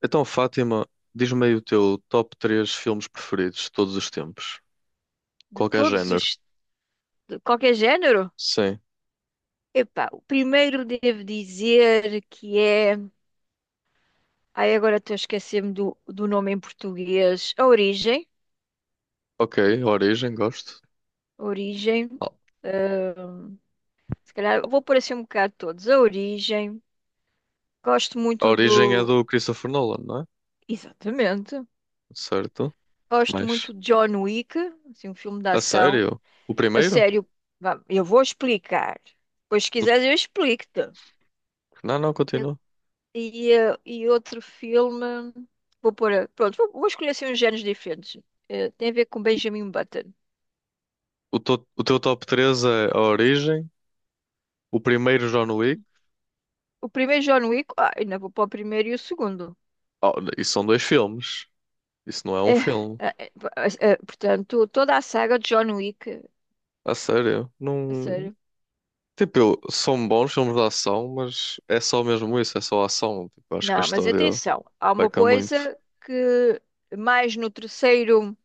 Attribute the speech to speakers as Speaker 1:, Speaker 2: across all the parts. Speaker 1: Então, Fátima, diz-me aí o teu top 3 filmes preferidos de todos os tempos.
Speaker 2: De
Speaker 1: Qualquer
Speaker 2: todos
Speaker 1: género.
Speaker 2: os, de qualquer género?
Speaker 1: Sim.
Speaker 2: Epá, o primeiro devo dizer que é. Ai, agora estou a esquecer-me do nome em português. A Origem.
Speaker 1: Ok, A Origem, gosto.
Speaker 2: A Origem. eh, Se calhar vou pôr assim um bocado todos. A Origem. Gosto
Speaker 1: A
Speaker 2: muito
Speaker 1: Origem é
Speaker 2: do.
Speaker 1: do Christopher Nolan, não é?
Speaker 2: Exatamente.
Speaker 1: Certo.
Speaker 2: Gosto
Speaker 1: Mas,
Speaker 2: muito de John Wick, assim, um filme de
Speaker 1: a
Speaker 2: ação.
Speaker 1: sério? O
Speaker 2: A
Speaker 1: primeiro?
Speaker 2: sério, vá, eu vou explicar. Pois se
Speaker 1: O-
Speaker 2: quiseres, eu explico-te.
Speaker 1: Não, não, continua.
Speaker 2: E outro filme. Vou pôr. Pronto, vou escolher assim uns géneros diferentes. Tem a ver com Benjamin Button.
Speaker 1: O teu top três é A Origem, o primeiro John Wick.
Speaker 2: O primeiro John Wick, ainda vou para o primeiro e o segundo.
Speaker 1: Oh, isso são dois filmes. Isso não é um
Speaker 2: É,
Speaker 1: filme.
Speaker 2: é, é, é, portanto, toda a saga de John Wick,
Speaker 1: A sério?
Speaker 2: a
Speaker 1: Não.
Speaker 2: sério.
Speaker 1: Tipo, são bons filmes de ação, mas é só mesmo isso, é só ação. Tipo, acho que a
Speaker 2: Não, mas
Speaker 1: história.
Speaker 2: atenção, há uma
Speaker 1: Peca muito
Speaker 2: coisa que mais no terceiro.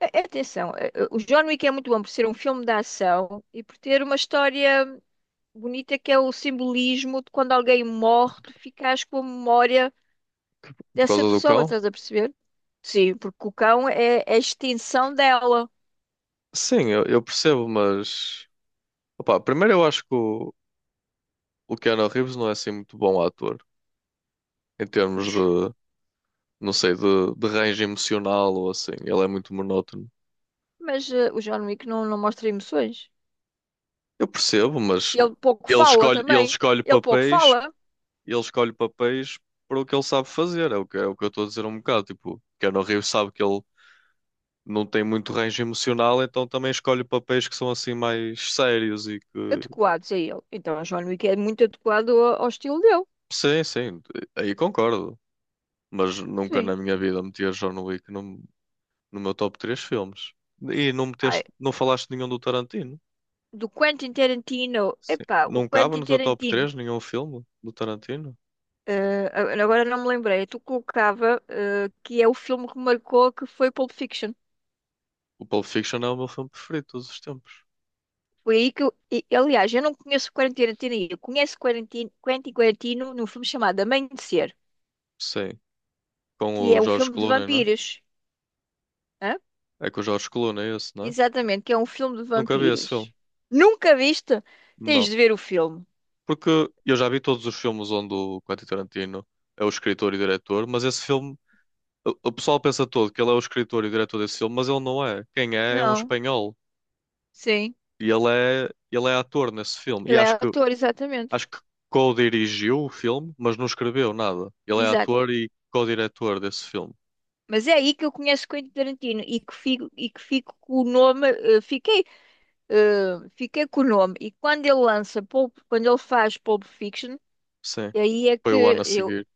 Speaker 2: Atenção, o John Wick é muito bom por ser um filme de ação e por ter uma história bonita que é o simbolismo de quando alguém morre, tu ficas com a memória
Speaker 1: por
Speaker 2: dessa
Speaker 1: causa do
Speaker 2: pessoa,
Speaker 1: cão.
Speaker 2: estás a perceber? Sim, porque o cão é a extinção dela.
Speaker 1: Sim, eu percebo, mas opá, primeiro eu acho que o Keanu Reeves não é assim muito bom ator em termos de, não sei, de range emocional ou assim. Ele é muito monótono.
Speaker 2: Mas o John Wick não, não mostra emoções.
Speaker 1: Eu percebo, mas
Speaker 2: E ele pouco
Speaker 1: ele
Speaker 2: fala
Speaker 1: escolhe, ele
Speaker 2: também.
Speaker 1: escolhe
Speaker 2: Ele pouco
Speaker 1: papéis,
Speaker 2: fala.
Speaker 1: ele escolhe papéis para o que ele sabe fazer. É o que eu estou a dizer um bocado. Tipo, Keanu Reeves sabe que ele não tem muito range emocional, então também escolhe papéis que são assim mais sérios e que.
Speaker 2: Adequados a ele. Então o John Wick é muito adequado ao estilo dele.
Speaker 1: Sim, sim, aí concordo. Mas nunca na
Speaker 2: Sim.
Speaker 1: minha vida metias John Wick no meu top 3 filmes. E não
Speaker 2: Ai,
Speaker 1: meteste, não falaste de nenhum do Tarantino.
Speaker 2: do Quentin Tarantino.
Speaker 1: Sim.
Speaker 2: Epá, o
Speaker 1: Não cabe
Speaker 2: Quentin
Speaker 1: no teu top
Speaker 2: Tarantino.
Speaker 1: 3 nenhum filme do Tarantino.
Speaker 2: Eh, Agora não me lembrei. É. Tu colocava, que é o filme que marcou, que foi Pulp Fiction.
Speaker 1: O Pulp Fiction é o meu filme preferido de todos os tempos.
Speaker 2: Foi aí que eu, aliás, eu não conheço o Quarantino, eu conheço Quentin Quarantino num filme chamado Amanhecer,
Speaker 1: Sim, com
Speaker 2: que
Speaker 1: o
Speaker 2: é um
Speaker 1: George
Speaker 2: filme de
Speaker 1: Clooney, né?
Speaker 2: vampiros. Hã?
Speaker 1: É com o George Clooney esse, né?
Speaker 2: Exatamente, que é um filme de
Speaker 1: Nunca vi esse filme.
Speaker 2: vampiros. Nunca viste? Tens
Speaker 1: Não.
Speaker 2: de ver o filme.
Speaker 1: Porque eu já vi todos os filmes onde o Quentin Tarantino é o escritor e diretor, mas esse filme, o pessoal pensa todo que ele é o escritor e diretor desse filme, mas ele não é. Quem é é um
Speaker 2: Não,
Speaker 1: espanhol.
Speaker 2: sim.
Speaker 1: E ele é ator nesse filme. E
Speaker 2: Ele é ator, exatamente.
Speaker 1: acho que co-dirigiu o filme, mas não escreveu nada. Ele é
Speaker 2: Exato.
Speaker 1: ator e co-diretor desse filme.
Speaker 2: Mas é aí que eu conheço Quentin Tarantino e que fico com o nome, fiquei com o nome. E quando ele quando ele faz Pulp Fiction,
Speaker 1: Sim.
Speaker 2: aí é
Speaker 1: Foi o ano
Speaker 2: que
Speaker 1: a
Speaker 2: eu,
Speaker 1: seguir.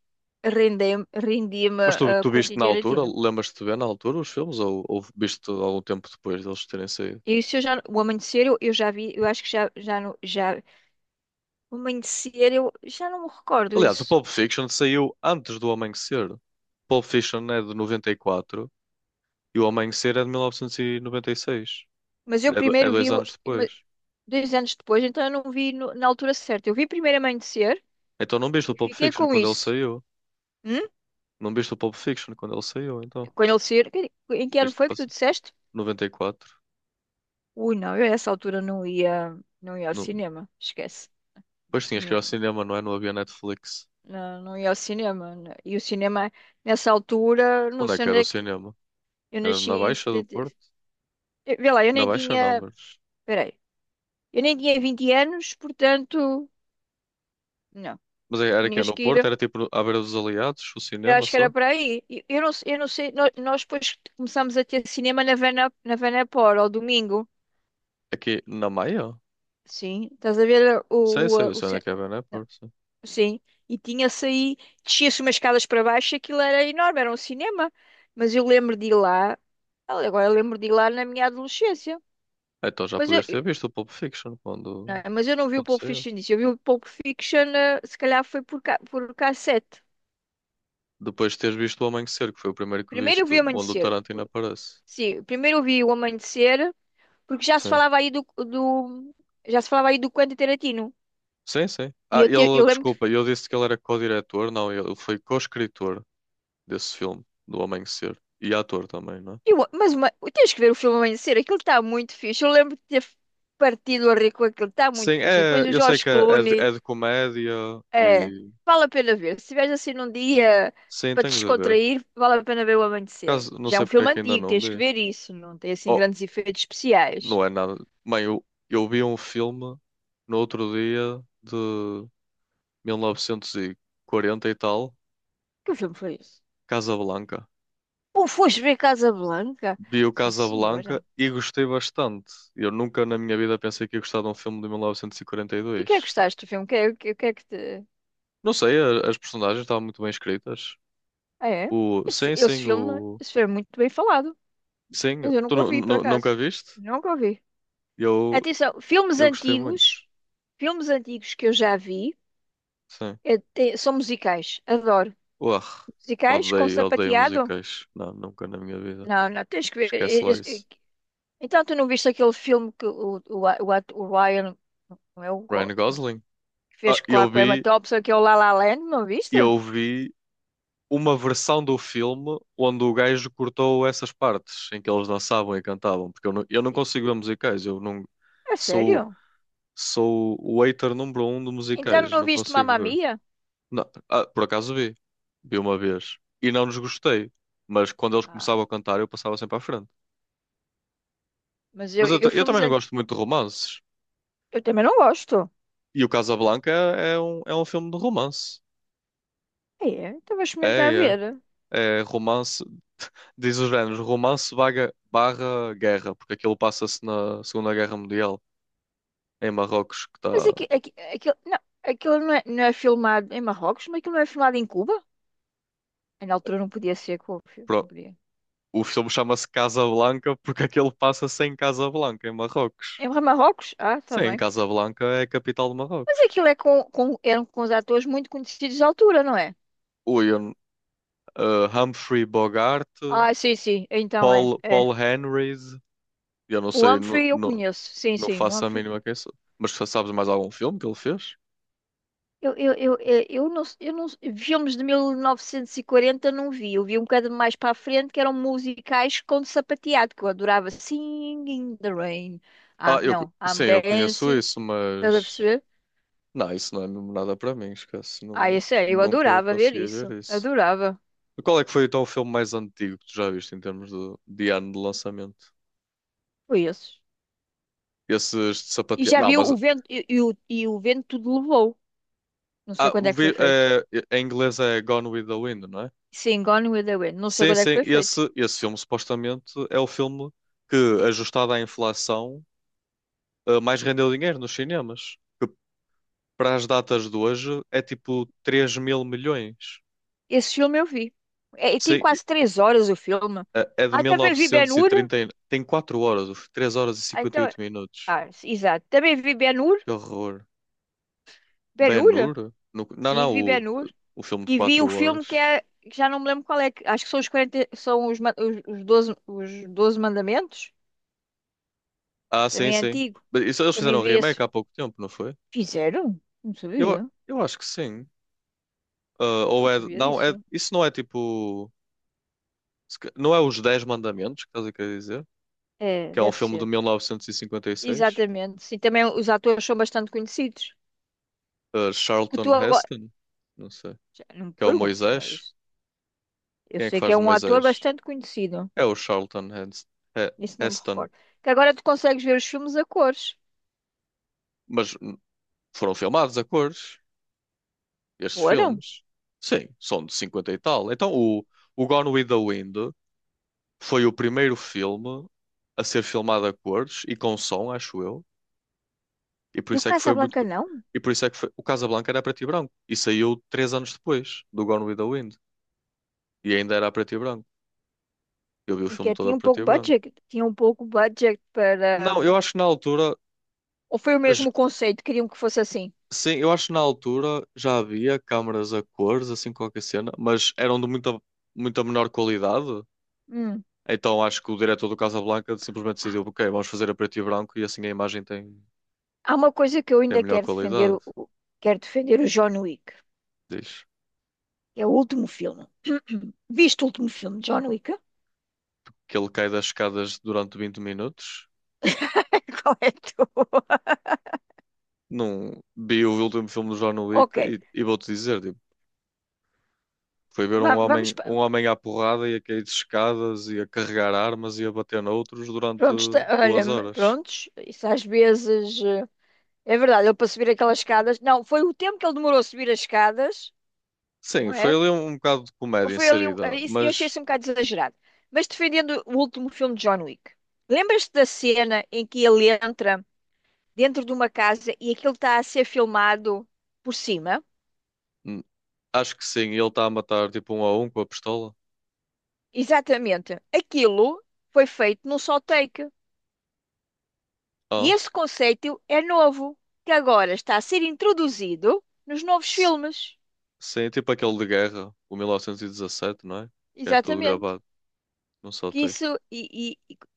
Speaker 2: rendi-me
Speaker 1: Mas tu,
Speaker 2: a
Speaker 1: tu
Speaker 2: Quentin
Speaker 1: viste na altura?
Speaker 2: Tarantino.
Speaker 1: Lembras-te de ver na altura os filmes? Ou viste algum tempo depois deles terem saído?
Speaker 2: Isso eu já, o Amanhecer eu já vi, eu acho que já, já, não- já, o Amanhecer eu já não me recordo
Speaker 1: Aliás, o
Speaker 2: isso.
Speaker 1: Pulp Fiction saiu antes do Amanhecer. Pulp Fiction é de 94 e quatro e o Amanhecer é de 1996.
Speaker 2: Mas eu
Speaker 1: É, é
Speaker 2: primeiro
Speaker 1: dois
Speaker 2: vi,
Speaker 1: anos
Speaker 2: ma-
Speaker 1: depois.
Speaker 2: dois anos depois, então eu não vi na altura certa. Eu vi primeiro Amanhecer
Speaker 1: Então não viste o
Speaker 2: e
Speaker 1: Pulp
Speaker 2: fiquei
Speaker 1: Fiction
Speaker 2: com
Speaker 1: quando ele
Speaker 2: isso.
Speaker 1: saiu?
Speaker 2: Hum?
Speaker 1: Não viste o Pulp Fiction quando ele saiu, então?
Speaker 2: Quando ele saiu, em que ano
Speaker 1: Isto
Speaker 2: foi que tu
Speaker 1: passou
Speaker 2: disseste?
Speaker 1: 94.
Speaker 2: Ui, não, eu a essa altura não ia ao
Speaker 1: No...
Speaker 2: cinema, esquece.
Speaker 1: Depois tinhas que ir ao
Speaker 2: Tinha,
Speaker 1: cinema, não é? Não havia Netflix.
Speaker 2: não, não ia ao cinema, né. E o cinema, nessa altura, não
Speaker 1: Onde é
Speaker 2: sei
Speaker 1: que
Speaker 2: onde
Speaker 1: era o
Speaker 2: é que.
Speaker 1: cinema?
Speaker 2: Eu
Speaker 1: Era
Speaker 2: nasci
Speaker 1: na
Speaker 2: em.
Speaker 1: Baixa do Porto?
Speaker 2: Vê lá, eu
Speaker 1: Na
Speaker 2: nem
Speaker 1: Baixa não,
Speaker 2: tinha.
Speaker 1: mas.
Speaker 2: Peraí. Eu nem tinha 20 anos, portanto. Não.
Speaker 1: Mas
Speaker 2: Tu
Speaker 1: era que
Speaker 2: tinhas
Speaker 1: no
Speaker 2: que
Speaker 1: Porto?
Speaker 2: ir.
Speaker 1: Era tipo à beira dos Aliados, o
Speaker 2: Eu
Speaker 1: cinema
Speaker 2: acho que era
Speaker 1: só?
Speaker 2: para aí. E eu não sei. Nós, depois começamos a ter cinema na Vanapor, ao domingo.
Speaker 1: Aqui na Maia?
Speaker 2: Sim. Estás a ver o,
Speaker 1: Sei, sei, eu
Speaker 2: o, o
Speaker 1: sei onde é
Speaker 2: ce-
Speaker 1: que é, né?
Speaker 2: não.
Speaker 1: Porto. Sim.
Speaker 2: Sim. E tinha-se aí. Descia-se umas escadas para baixo, e aquilo era enorme, era um cinema. Mas eu lembro de ir lá. Agora eu lembro de ir lá na minha adolescência.
Speaker 1: Ah, então já
Speaker 2: Mas eu,
Speaker 1: podias ter visto o Pulp Fiction
Speaker 2: não
Speaker 1: quando,
Speaker 2: é? Mas eu não vi o
Speaker 1: quando
Speaker 2: Pulp
Speaker 1: saiu.
Speaker 2: Fiction disso. Eu vi o Pulp Fiction, se calhar foi por cassete.
Speaker 1: Depois de teres visto O Amanhecer, que foi o primeiro que
Speaker 2: Primeiro eu
Speaker 1: viste,
Speaker 2: vi o
Speaker 1: onde o
Speaker 2: Amanhecer.
Speaker 1: Tarantino aparece.
Speaker 2: Sim, primeiro eu vi o Amanhecer, porque já se
Speaker 1: Sim.
Speaker 2: falava aí do Quentin Tarantino.
Speaker 1: Sim, sim.
Speaker 2: E
Speaker 1: Ah,
Speaker 2: eu,
Speaker 1: ele,
Speaker 2: eu lembro,
Speaker 1: desculpa, eu disse que ele era co-diretor, não, ele foi co-escritor desse filme, do Amanhecer. E ator também, não é?
Speaker 2: eu, mas uma, tens que ver o filme Amanhecer, aquilo está muito fixe. Eu lembro de ter partido a rir com aquilo, está muito
Speaker 1: Sim,
Speaker 2: fixe. E
Speaker 1: é,
Speaker 2: depois o
Speaker 1: eu sei
Speaker 2: George
Speaker 1: que é,
Speaker 2: Clooney.
Speaker 1: é de comédia
Speaker 2: É,
Speaker 1: e.
Speaker 2: vale a pena ver. Se estiveres assim num dia
Speaker 1: Sim,
Speaker 2: para te
Speaker 1: tenho de ver.
Speaker 2: descontrair, vale a pena ver o
Speaker 1: Por
Speaker 2: Amanhecer.
Speaker 1: caso, não
Speaker 2: Já é
Speaker 1: sei
Speaker 2: um
Speaker 1: porque é
Speaker 2: filme
Speaker 1: que ainda
Speaker 2: antigo,
Speaker 1: não
Speaker 2: tens que
Speaker 1: vi.
Speaker 2: ver isso, não tem assim
Speaker 1: Oh,
Speaker 2: grandes efeitos especiais.
Speaker 1: não é nada. Mãe, eu vi um filme no outro dia de mil novecentos e quarenta e tal,
Speaker 2: Que filme foi esse?
Speaker 1: Casablanca.
Speaker 2: Ou foste ver Casa Blanca?
Speaker 1: Vi o
Speaker 2: Sim,
Speaker 1: Casablanca
Speaker 2: senhora.
Speaker 1: e gostei bastante. Eu nunca na minha vida pensei que ia gostar de um filme de mil novecentos e quarenta e
Speaker 2: E o que é que
Speaker 1: dois.
Speaker 2: gostaste do filme? O que é, o que é que te.
Speaker 1: Não sei, as personagens estavam muito bem escritas.
Speaker 2: Ah, é?
Speaker 1: O,
Speaker 2: Esse, fi-
Speaker 1: sim,
Speaker 2: esse
Speaker 1: sim,
Speaker 2: filme,
Speaker 1: o.
Speaker 2: esse filme é muito bem falado,
Speaker 1: Sim,
Speaker 2: mas eu
Speaker 1: tu
Speaker 2: nunca o vi, por acaso.
Speaker 1: nunca viste?
Speaker 2: Nunca o vi.
Speaker 1: Eu,
Speaker 2: Atenção,
Speaker 1: eu gostei muito.
Speaker 2: filmes antigos que eu já vi,
Speaker 1: Sim.
Speaker 2: são musicais. Adoro.
Speaker 1: Uar,
Speaker 2: Musicais com
Speaker 1: odeio, odeio
Speaker 2: sapateado.
Speaker 1: musicais. Não, nunca na minha vida.
Speaker 2: Não, não, tens que ver.
Speaker 1: Esquece lá isso.
Speaker 2: Então, tu não viste aquele filme que o Ryan, não é o
Speaker 1: Ryan
Speaker 2: Não,
Speaker 1: Gosling?
Speaker 2: que
Speaker 1: Ah,
Speaker 2: fez lá com a Emma Thompson, que é o La La Land, não viste?
Speaker 1: eu vi uma versão do filme onde o gajo cortou essas partes em que eles dançavam e cantavam, porque eu não
Speaker 2: E-
Speaker 1: consigo ver musicais. Eu não
Speaker 2: É
Speaker 1: sou,
Speaker 2: sério?
Speaker 1: sou o hater número um de
Speaker 2: Então,
Speaker 1: musicais,
Speaker 2: não
Speaker 1: não
Speaker 2: viste
Speaker 1: consigo
Speaker 2: Mamma
Speaker 1: ver.
Speaker 2: Mia?
Speaker 1: Não, ah, por acaso vi. Vi uma vez. E não nos gostei. Mas quando eles
Speaker 2: Ah,
Speaker 1: começavam a cantar, eu passava sempre à frente.
Speaker 2: mas eu,
Speaker 1: Mas eu, ta-
Speaker 2: eu
Speaker 1: eu
Speaker 2: filmes
Speaker 1: também não gosto muito de romances.
Speaker 2: eu também não gosto.
Speaker 1: E o Casablanca é, é um filme de romance.
Speaker 2: É, então vou
Speaker 1: É,
Speaker 2: experimentar
Speaker 1: é.
Speaker 2: ver.
Speaker 1: É romance. Diz os géneros, romance barra guerra. Porque aquilo passa-se na Segunda Guerra Mundial, em Marrocos, que
Speaker 2: Mas
Speaker 1: está.
Speaker 2: aqui, aquilo, não, aquilo não é filmado em Marrocos, mas aquilo não é filmado em Cuba? Na altura não podia ser, não
Speaker 1: pro-
Speaker 2: podia.
Speaker 1: O filme chama-se Casablanca porque aquilo passa-se em Casablanca, em Marrocos.
Speaker 2: Em Marrocos? Ah, está
Speaker 1: Sim,
Speaker 2: bem.
Speaker 1: Casablanca é a capital de
Speaker 2: Mas
Speaker 1: Marrocos.
Speaker 2: aquilo é eram com os atores muito conhecidos da altura, não é?
Speaker 1: Ui, Humphrey Bogart,
Speaker 2: Ah, sim, sim. Então é, é.
Speaker 1: Paul Henrys, eu não
Speaker 2: O
Speaker 1: sei, não,
Speaker 2: Humphrey eu
Speaker 1: não,
Speaker 2: conheço. Sim,
Speaker 1: não
Speaker 2: sim. O
Speaker 1: faço a
Speaker 2: Humphrey.
Speaker 1: mínima quem sou. Mas tu sabes mais algum filme que ele fez?
Speaker 2: Eu não, filmes de 1940 não vi. Eu vi um bocado mais para a frente, que eram musicais com sapateado, que eu adorava. Singing in the Rain. Ah,
Speaker 1: Ah,
Speaker 2: não, I'm
Speaker 1: sim, eu conheço
Speaker 2: Dancing.
Speaker 1: isso,
Speaker 2: Estás a
Speaker 1: mas
Speaker 2: perceber?
Speaker 1: não, isso não é mesmo nada para mim, esquece,
Speaker 2: Ah,
Speaker 1: não,
Speaker 2: isso é. Eu
Speaker 1: nunca
Speaker 2: adorava ver
Speaker 1: consegui ver
Speaker 2: isso.
Speaker 1: isso.
Speaker 2: Adorava.
Speaker 1: Qual é que foi então o filme mais antigo que tu já viste em termos de ano de lançamento?
Speaker 2: Foi isso.
Speaker 1: Esses de
Speaker 2: E
Speaker 1: sapateado.
Speaker 2: já
Speaker 1: Não,
Speaker 2: vi
Speaker 1: mas
Speaker 2: o vento e o vento tudo levou. Não sei
Speaker 1: ah,
Speaker 2: quando é que foi
Speaker 1: vi-
Speaker 2: feito.
Speaker 1: eh, em inglês é Gone with the Wind, não é?
Speaker 2: Sim, Gone with the Wind. Não sei
Speaker 1: Sim,
Speaker 2: quando é que
Speaker 1: sim,
Speaker 2: foi feito.
Speaker 1: esse filme supostamente é o filme que, ajustado à inflação, mais rendeu dinheiro nos cinemas. Que para as datas de hoje é tipo 3 mil milhões.
Speaker 2: Esse filme eu vi. É, e tem
Speaker 1: Sim,
Speaker 2: quase três horas o filme.
Speaker 1: é de
Speaker 2: Ah, também vi Ben-Hur.
Speaker 1: 1930. Trinta. Tem 4 horas, 3 horas e
Speaker 2: Ah,
Speaker 1: cinquenta e
Speaker 2: então,
Speaker 1: oito minutos.
Speaker 2: exato. Também vi Ben-Hur.
Speaker 1: Que horror.
Speaker 2: Ben-Hur?
Speaker 1: Ben-Hur? Não,
Speaker 2: Sim,
Speaker 1: não,
Speaker 2: vi Ben-Hur.
Speaker 1: o filme de
Speaker 2: E vi o
Speaker 1: 4
Speaker 2: filme que
Speaker 1: horas.
Speaker 2: é, que já não me lembro qual é. Acho que são os 40, são os, os 12, os 12 mandamentos.
Speaker 1: Ah, sim,
Speaker 2: Também é
Speaker 1: sim.
Speaker 2: antigo.
Speaker 1: Mas isso, eles fizeram
Speaker 2: Também
Speaker 1: um
Speaker 2: vi
Speaker 1: remake
Speaker 2: esse.
Speaker 1: há pouco tempo, não foi?
Speaker 2: Fizeram? Não
Speaker 1: Eu,
Speaker 2: sabia.
Speaker 1: eu acho que sim. Ah,
Speaker 2: Não
Speaker 1: ou é.
Speaker 2: sabia
Speaker 1: Não, é,
Speaker 2: disso.
Speaker 1: isso não é tipo. Se ca- Não é Os Dez Mandamentos que estás a querer dizer?
Speaker 2: É,
Speaker 1: Que é um
Speaker 2: deve
Speaker 1: filme de
Speaker 2: ser.
Speaker 1: 1956?
Speaker 2: Exatamente. Sim, também os atores são bastante conhecidos. Que
Speaker 1: Charlton
Speaker 2: tu agora.
Speaker 1: Heston? Não sei.
Speaker 2: Já não me
Speaker 1: Que é o
Speaker 2: perguntes, não é?
Speaker 1: Moisés?
Speaker 2: Eu
Speaker 1: Quem é que
Speaker 2: sei que
Speaker 1: faz
Speaker 2: é
Speaker 1: de
Speaker 2: um ator
Speaker 1: Moisés?
Speaker 2: bastante conhecido.
Speaker 1: É o Charlton He-
Speaker 2: Isso não me
Speaker 1: Heston.
Speaker 2: recordo. Que agora tu consegues ver os filmes a cores.
Speaker 1: Mas foram filmados a cores, estes
Speaker 2: Foram?
Speaker 1: filmes. Sim, são de 50 e tal. Então o Gone with the Wind foi o primeiro filme a ser filmado a cores e com som, acho eu. E por
Speaker 2: E o
Speaker 1: isso é que foi muito.
Speaker 2: Casablanca não?
Speaker 1: E por isso é que foi. O Casablanca era preto e branco. E saiu 3 anos depois do Gone with the Wind. E ainda era preto e branco. Eu vi o
Speaker 2: Em
Speaker 1: filme
Speaker 2: que
Speaker 1: todo a
Speaker 2: tinha um
Speaker 1: preto
Speaker 2: pouco
Speaker 1: e branco.
Speaker 2: budget. Tinha um pouco budget para.
Speaker 1: Não, eu acho que na altura.
Speaker 2: Ou foi o
Speaker 1: j-
Speaker 2: mesmo conceito? Queriam que fosse assim.
Speaker 1: Sim, eu acho que na altura já havia câmaras a cores, assim qualquer cena, mas eram de muita, muita menor qualidade.
Speaker 2: Hum.
Speaker 1: Então acho que o diretor do Casablanca simplesmente
Speaker 2: Ah,
Speaker 1: decidiu, ok, vamos fazer a preto e branco e assim a imagem tem,
Speaker 2: há uma coisa que eu
Speaker 1: tem
Speaker 2: ainda
Speaker 1: melhor
Speaker 2: quero defender.
Speaker 1: qualidade.
Speaker 2: Quero defender o John Wick.
Speaker 1: Diz
Speaker 2: Que É o último filme. Viste o último filme de John Wick?
Speaker 1: que ele cai das escadas durante 20 minutos.
Speaker 2: Qual é a tua?
Speaker 1: Não vi o último filme do John
Speaker 2: Ok.
Speaker 1: Wick e vou-te dizer, tipo, foi ver
Speaker 2: Vamos.
Speaker 1: um homem à porrada e a cair de escadas e a carregar armas e a bater noutros durante
Speaker 2: Prontos. Olha,
Speaker 1: duas horas.
Speaker 2: prontos. Isso às vezes. É verdade, ele para subir aquelas escadas. Não, foi o tempo que ele demorou a subir as escadas,
Speaker 1: Sim,
Speaker 2: não
Speaker 1: foi
Speaker 2: é?
Speaker 1: ali um bocado de comédia
Speaker 2: Foi ali.
Speaker 1: inserida,
Speaker 2: Eu achei
Speaker 1: mas
Speaker 2: isso um bocado exagerado. Mas, defendendo o último filme de John Wick, lembras-te da cena em que ele entra dentro de uma casa e aquilo está a ser filmado por cima?
Speaker 1: hum, acho que sim, ele está a matar tipo um a um com a pistola.
Speaker 2: Exatamente. Aquilo foi feito num só take. E
Speaker 1: Ah,
Speaker 2: esse conceito é novo, que agora está a ser introduzido nos novos
Speaker 1: s-
Speaker 2: filmes.
Speaker 1: sim, tipo aquele de guerra, o 1917, não é? Que é tudo
Speaker 2: Exatamente.
Speaker 1: gravado, não só
Speaker 2: Que
Speaker 1: take.
Speaker 2: isso, e, e,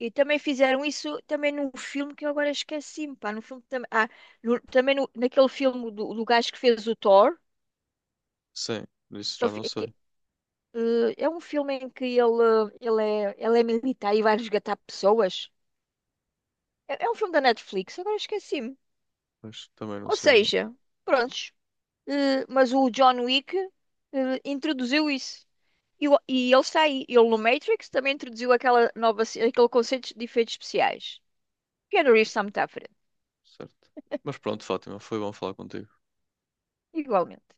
Speaker 2: e e também fizeram isso também num filme que eu agora esqueci-me, pá, no filme também, naquele filme do gajo que fez o Thor,
Speaker 1: Sim, isso já
Speaker 2: ele
Speaker 1: não
Speaker 2: fe-
Speaker 1: sei,
Speaker 2: que- eh, é um filme em que ele é militar e vai resgatar pessoas. É um filme da Netflix, agora esqueci-me.
Speaker 1: mas também não
Speaker 2: Ou
Speaker 1: sei o nome.
Speaker 2: seja, prontos, mas o John Wick, introduziu isso. E ele está aí, ele no Matrix também introduziu aquela aquele conceito de efeitos especiais. Keanu Reeves
Speaker 1: C-
Speaker 2: está muito à frente,
Speaker 1: Certo. Mas pronto, Fátima, foi bom falar contigo.
Speaker 2: igualmente.